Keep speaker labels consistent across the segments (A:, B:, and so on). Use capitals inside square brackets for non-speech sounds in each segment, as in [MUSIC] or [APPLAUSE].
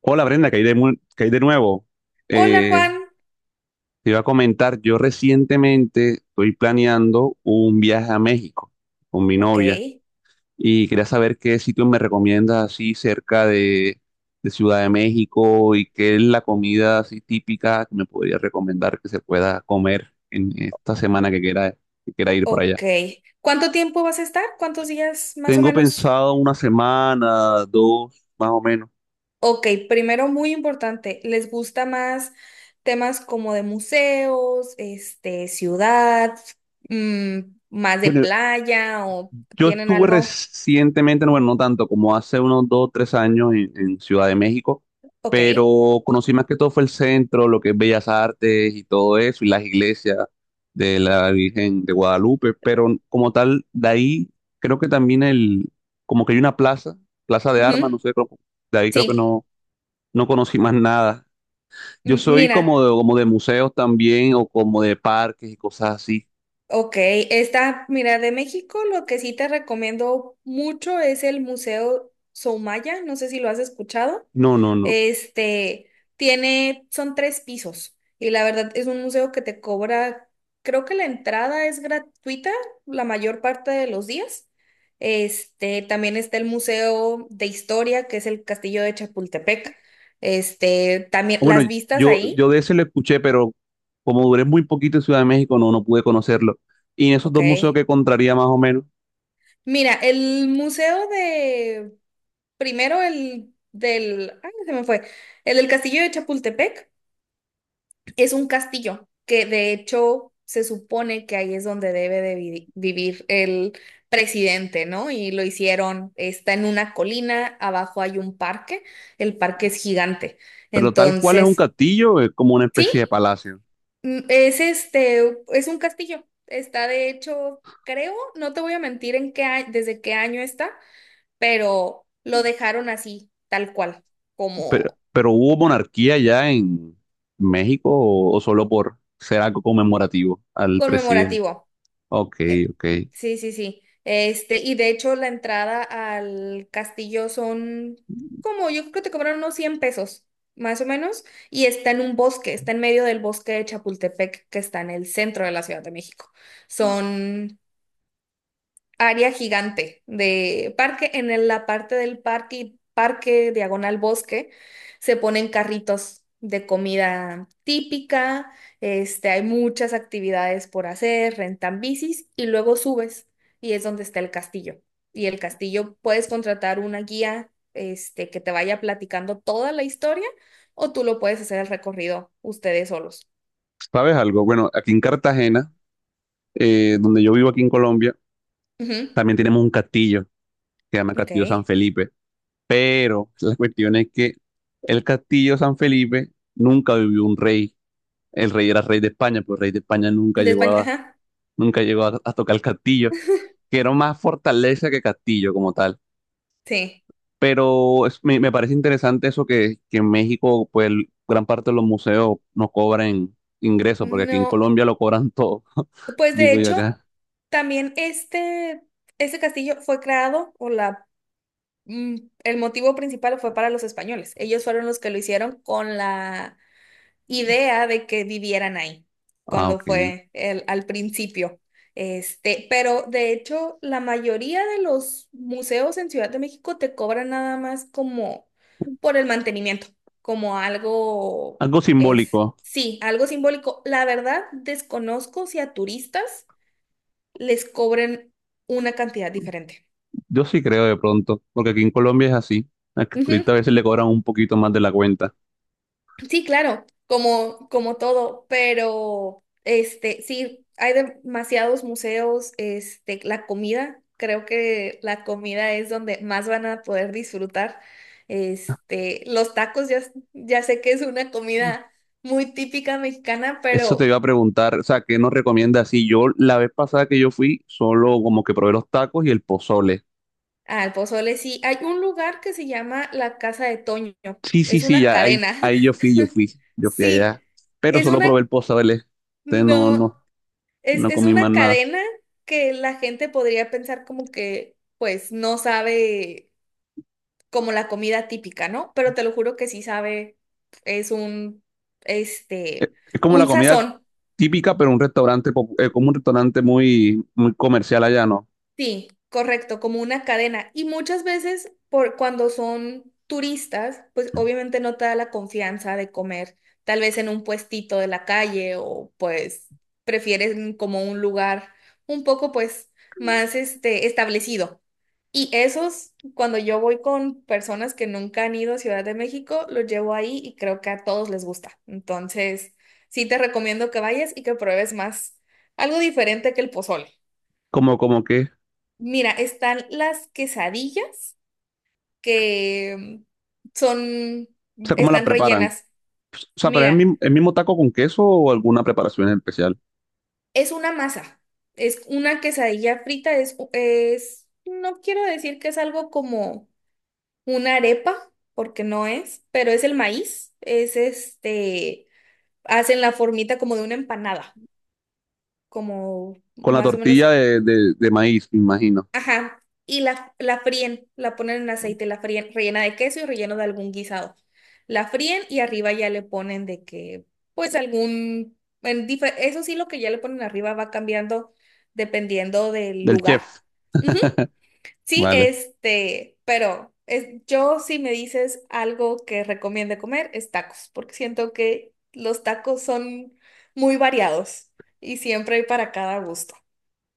A: Hola Brenda, caí de nuevo.
B: Hola
A: Eh,
B: Juan.
A: te iba a comentar, yo recientemente estoy planeando un viaje a México con mi
B: Ok,
A: novia y quería saber qué sitio me recomiendas así cerca de Ciudad de México y qué es la comida así típica que me podría recomendar que se pueda comer en esta semana que quiera ir por allá.
B: ok. ¿Cuánto tiempo vas a estar? ¿Cuántos días más o
A: Tengo
B: menos?
A: pensado una semana, dos, más o menos.
B: Ok, primero muy importante, ¿les gusta más temas como de museos, ciudad, mm, más de
A: Bueno,
B: playa o
A: yo
B: tienen
A: estuve
B: algo?
A: recientemente, no, bueno, no tanto, como hace unos 2, 3 años en Ciudad de México,
B: Ok.
A: pero conocí más que todo fue el centro, lo que es Bellas Artes y todo eso, y las iglesias de la Virgen de Guadalupe, pero como tal, de ahí creo que también como que hay una plaza, Plaza de Armas, no
B: Ujú,
A: sé, de ahí creo que
B: Sí.
A: no conocí más nada. Yo soy
B: Mira,
A: como de museos también, o como de parques y cosas así.
B: ok, mira, de México lo que sí te recomiendo mucho es el Museo Soumaya, no sé si lo has escuchado.
A: No, no, no.
B: Son tres pisos y la verdad es un museo que te cobra, creo que la entrada es gratuita la mayor parte de los días. También está el Museo de Historia, que es el Castillo de Chapultepec. También
A: Bueno,
B: las vistas
A: yo,
B: ahí,
A: yo de ese lo escuché, pero como duré muy poquito en Ciudad de México, no pude conocerlo. Y en esos
B: ok.
A: dos museos que encontraría más o menos,
B: Mira, el museo de, primero el del, ay, se me fue, el del Castillo de Chapultepec. Es un castillo que de hecho se supone que ahí es donde debe de vivir el presidente, ¿no? Y lo hicieron, está en una colina, abajo hay un parque, el parque es gigante.
A: pero tal cual es un
B: Entonces,
A: castillo, es como una especie de
B: sí,
A: palacio.
B: es un castillo. Está de hecho, creo, no te voy a mentir en qué desde qué año está, pero lo dejaron así, tal cual,
A: Pero,
B: como
A: pero ¿hubo monarquía ya en México o, solo por ser algo conmemorativo al presidente?
B: conmemorativo.
A: Ok,
B: Eh,
A: ok.
B: sí, sí, sí. Y de hecho la entrada al castillo son como, yo creo que te cobraron unos 100 pesos, más o menos, y está en un bosque, está en medio del bosque de Chapultepec, que está en el centro de la Ciudad de México. Son área gigante de parque. La parte del parque, y parque diagonal bosque, se ponen carritos de comida típica, hay muchas actividades por hacer, rentan bicis y luego subes y es donde está el castillo. Y el castillo puedes contratar una guía, que te vaya platicando toda la historia o tú lo puedes hacer el recorrido ustedes solos.
A: ¿Sabes algo? Bueno, aquí en Cartagena, donde yo vivo aquí en Colombia,
B: Ujú,
A: también tenemos un castillo, que se llama
B: Ok.
A: Castillo San Felipe. Pero la cuestión es que el castillo San Felipe nunca vivió un rey. El rey era rey de España, pero el rey de España
B: De España, ajá.
A: nunca llegó a tocar el castillo,
B: [LAUGHS]
A: que era más fortaleza que castillo como tal.
B: Sí.
A: Pero me parece interesante eso que en México, pues gran parte de los museos no cobran ingresos, porque aquí en
B: No.
A: Colombia lo cobran todo. [LAUGHS]
B: Pues de
A: Digo yo
B: hecho,
A: acá.
B: también este castillo fue creado, mm, el motivo principal fue para los españoles. Ellos fueron los que lo hicieron con la idea de que vivieran ahí,
A: Ah,
B: cuando
A: ok.
B: fue el, al principio. Pero de hecho, la mayoría de los museos en Ciudad de México te cobran nada más como por el mantenimiento, como algo
A: Algo
B: es,
A: simbólico.
B: sí, algo simbólico. La verdad, desconozco si a turistas les cobren una cantidad diferente.
A: Yo sí creo de pronto, porque aquí en Colombia es así. Al
B: Ujú.
A: turista a veces le cobran un poquito más de la cuenta.
B: Sí, claro, como todo, pero sí, hay demasiados museos, la comida, creo que la comida es donde más van a poder disfrutar. Los tacos, ya sé que es una comida muy típica mexicana,
A: Eso te
B: pero
A: iba a preguntar, o sea, ¿qué nos recomiendas? Si yo la vez pasada que yo fui, solo como que probé los tacos y el pozole.
B: al pozole sí. Hay un lugar que se llama la Casa de Toño,
A: Sí, sí,
B: es
A: sí,
B: una
A: ya ahí,
B: cadena. [LAUGHS]
A: ahí yo fui
B: Sí,
A: allá, pero
B: es
A: solo
B: una,
A: probé el pozole. Entonces no,
B: no.
A: no,
B: Es,
A: no
B: es
A: comí más
B: una
A: nada.
B: cadena que la gente podría pensar como que, pues, no sabe como la comida típica, ¿no? Pero te lo juro que sí sabe, es
A: Es,
B: este,
A: es como la
B: un
A: comida
B: sazón.
A: típica, pero un restaurante, como un restaurante muy, muy comercial allá, ¿no?
B: Sí, correcto, como una cadena. Y muchas veces, por cuando son turistas, pues obviamente no te da la confianza de comer, tal vez en un puestito de la calle o pues prefieren como un lugar un poco pues más establecido. Y esos, cuando yo voy con personas que nunca han ido a Ciudad de México, los llevo ahí y creo que a todos les gusta. Entonces, sí te recomiendo que vayas y que pruebes más algo diferente que el pozole.
A: Como que,
B: Mira, están las quesadillas que son,
A: o sea, ¿cómo la
B: están
A: preparan?
B: rellenas.
A: O sea, pero es el
B: Mira,
A: mismo, el mismo taco con queso o alguna preparación especial.
B: es una masa, es una quesadilla frita, no quiero decir que es algo como una arepa, porque no es, pero es el maíz, hacen la formita como de una empanada, como
A: Con la
B: más o menos.
A: tortilla de maíz, me imagino,
B: Ajá, y la fríen, la ponen en aceite, la fríen, rellena de queso y relleno de algún guisado. La fríen y arriba ya le ponen de que, pues algún, eso sí, lo que ya le ponen arriba va cambiando dependiendo del
A: del
B: lugar.
A: chef.
B: Ujú. Sí,
A: Vale.
B: pero yo si me dices algo que recomiende comer es tacos, porque siento que los tacos son muy variados y siempre hay para cada gusto.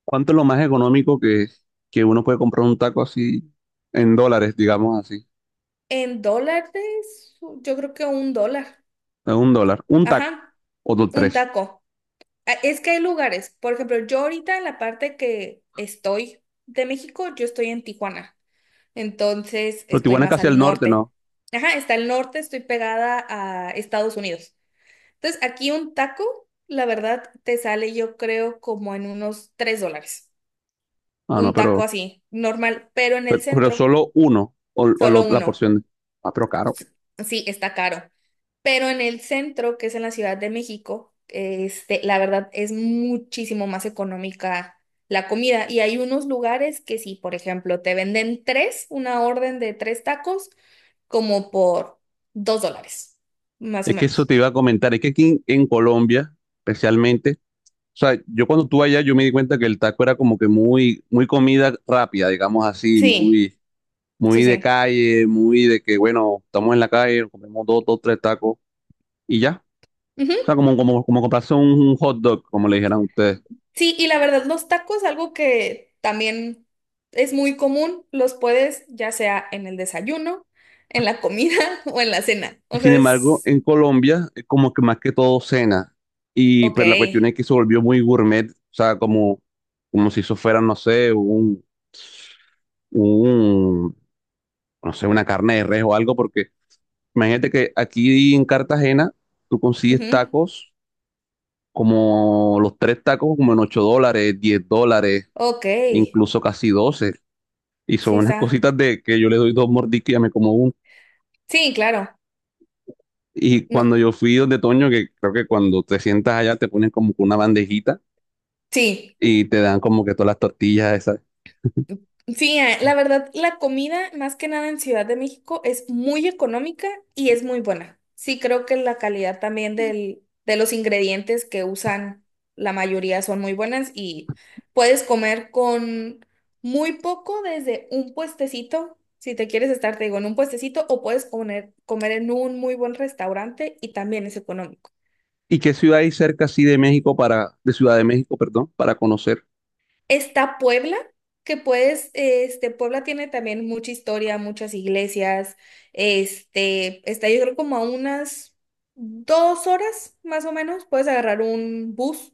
A: ¿Cuánto es lo más económico que uno puede comprar un taco así en dólares, digamos así?
B: En dólares, yo creo que $1.
A: Es $1, un taco
B: Ajá,
A: o dos,
B: un
A: tres.
B: taco. Ah, es que hay lugares. Por ejemplo, yo ahorita en la parte que estoy de México, yo estoy en Tijuana. Entonces,
A: Pero
B: estoy
A: Tijuana es
B: más
A: casi al
B: al
A: norte,
B: norte.
A: ¿no?
B: Ajá, está al norte, estoy pegada a Estados Unidos. Entonces, aquí un taco, la verdad, te sale yo creo como en unos $3.
A: Ah, no,
B: Un taco
A: pero,
B: así, normal, pero en el
A: pero, pero
B: centro,
A: solo uno o, o
B: solo
A: lo- la
B: uno.
A: porción. Ah, pero caro.
B: Sí, está caro. Pero en el centro, que es en la Ciudad de México, la verdad es muchísimo más económica la comida. Y hay unos lugares que sí, por ejemplo, te venden tres, una orden de tres tacos, como por $2, más o
A: Es que eso
B: menos.
A: te iba a comentar. Es que aquí en Colombia, especialmente, o sea, yo cuando estuve allá, yo me di cuenta que el taco era como que muy, muy comida rápida, digamos así,
B: Sí,
A: muy,
B: sí,
A: muy de
B: sí.
A: calle, muy de que, bueno, estamos en la calle, comemos dos, tres tacos y ya. O sea,
B: Ujú.
A: como comprarse un hot dog, como le dijeran ustedes.
B: Sí, y la verdad, los tacos, algo que también es muy común, los puedes ya sea en el desayuno, en la comida [LAUGHS] o en la cena. O
A: Sin
B: sea,
A: embargo,
B: es
A: en Colombia es como que más que todo cena. Y
B: ok.
A: pero la cuestión es que se volvió muy gourmet, o sea, como si eso fuera, no sé, un, no sé, una carne de res o algo, porque imagínate que aquí en Cartagena tú consigues
B: Ujú.
A: tacos como los tres tacos como en $8, $10,
B: Ok,
A: incluso casi 12. Y son
B: sí
A: unas
B: está.
A: cositas de que yo le doy dos mordiscos y ya me como uno.
B: Sí, claro.
A: Y
B: No,
A: cuando yo fui donde Toño, que creo que cuando te sientas allá te ponen como que una bandejita
B: sí.
A: y te dan como que todas las tortillas esas.
B: Sí, la verdad, la comida, más que nada en Ciudad de México, es muy económica y es muy buena. Sí, creo que la calidad también del, de los ingredientes que usan, la mayoría son muy buenas y puedes comer con muy poco desde un puestecito. Si te quieres estar, te digo, en un puestecito o puedes comer, comer en un muy buen restaurante y también es económico.
A: ¿Y qué ciudad hay cerca así de México de Ciudad de México, perdón, para conocer?
B: Está Puebla, que puedes, Puebla tiene también mucha historia, muchas iglesias, está yo creo como a unas 2 horas más o menos, puedes agarrar un bus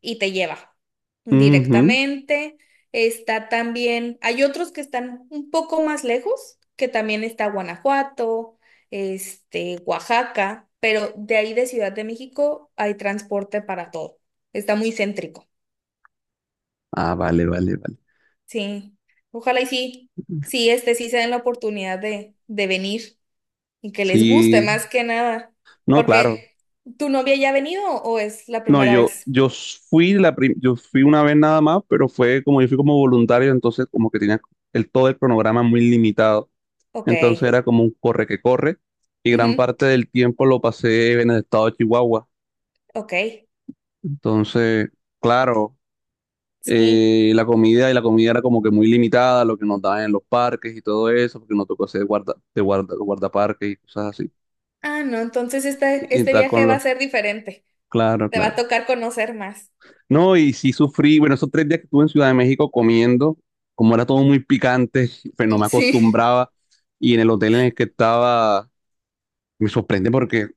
B: y te lleva
A: Ujú.
B: directamente. Está también, hay otros que están un poco más lejos, que también está Guanajuato, Oaxaca, pero de ahí de Ciudad de México hay transporte para todo. Está muy céntrico.
A: Ah, vale, vale, vale.
B: Sí, ojalá y sí, sí, sí se den la oportunidad de venir y que les guste
A: Sí,
B: más que nada.
A: no, claro.
B: Porque, ¿tu novia ya ha venido o es la
A: No,
B: primera vez?
A: yo fui una vez nada más, pero fue como yo fui como voluntario, entonces como que tenía todo el cronograma muy limitado.
B: Ok,
A: Entonces era como un corre que corre y gran
B: ujú,
A: parte del tiempo lo pasé en el estado de Chihuahua.
B: Ok,
A: Entonces, claro,
B: sí.
A: la comida y la comida era como que muy limitada, lo que nos daban en los parques y todo eso, porque nos tocó hacer guardaparques y cosas así.
B: Ah, no, entonces
A: Y
B: este
A: estar
B: viaje
A: con
B: va a
A: los,
B: ser diferente.
A: claro,
B: Te va a
A: claro.
B: tocar conocer más.
A: No, y sí sufrí, bueno, esos 3 días que estuve en Ciudad de México comiendo, como era todo muy picante, [LAUGHS] pues no me
B: Sí,
A: acostumbraba. Y en el hotel en el que estaba, me sorprende porque, o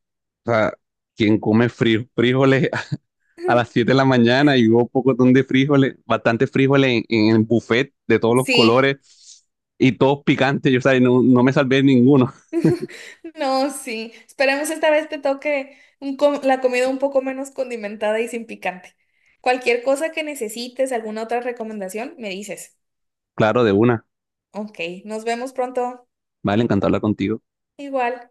A: sea, quien come frijoles a las 7 de la mañana y hubo poco de frijoles, bastante frijoles en el buffet de
B: [LAUGHS]
A: todos los
B: sí.
A: colores y todos picantes. Yo, o sea, no me salvé ninguno. [LAUGHS]
B: [LAUGHS] No, sí. Esperemos esta vez te toque un la comida un poco menos condimentada y sin picante. Cualquier cosa que necesites, alguna otra recomendación, me dices.
A: Claro, de una.
B: Ok, nos vemos pronto.
A: Vale, encantado de hablar contigo.
B: Igual.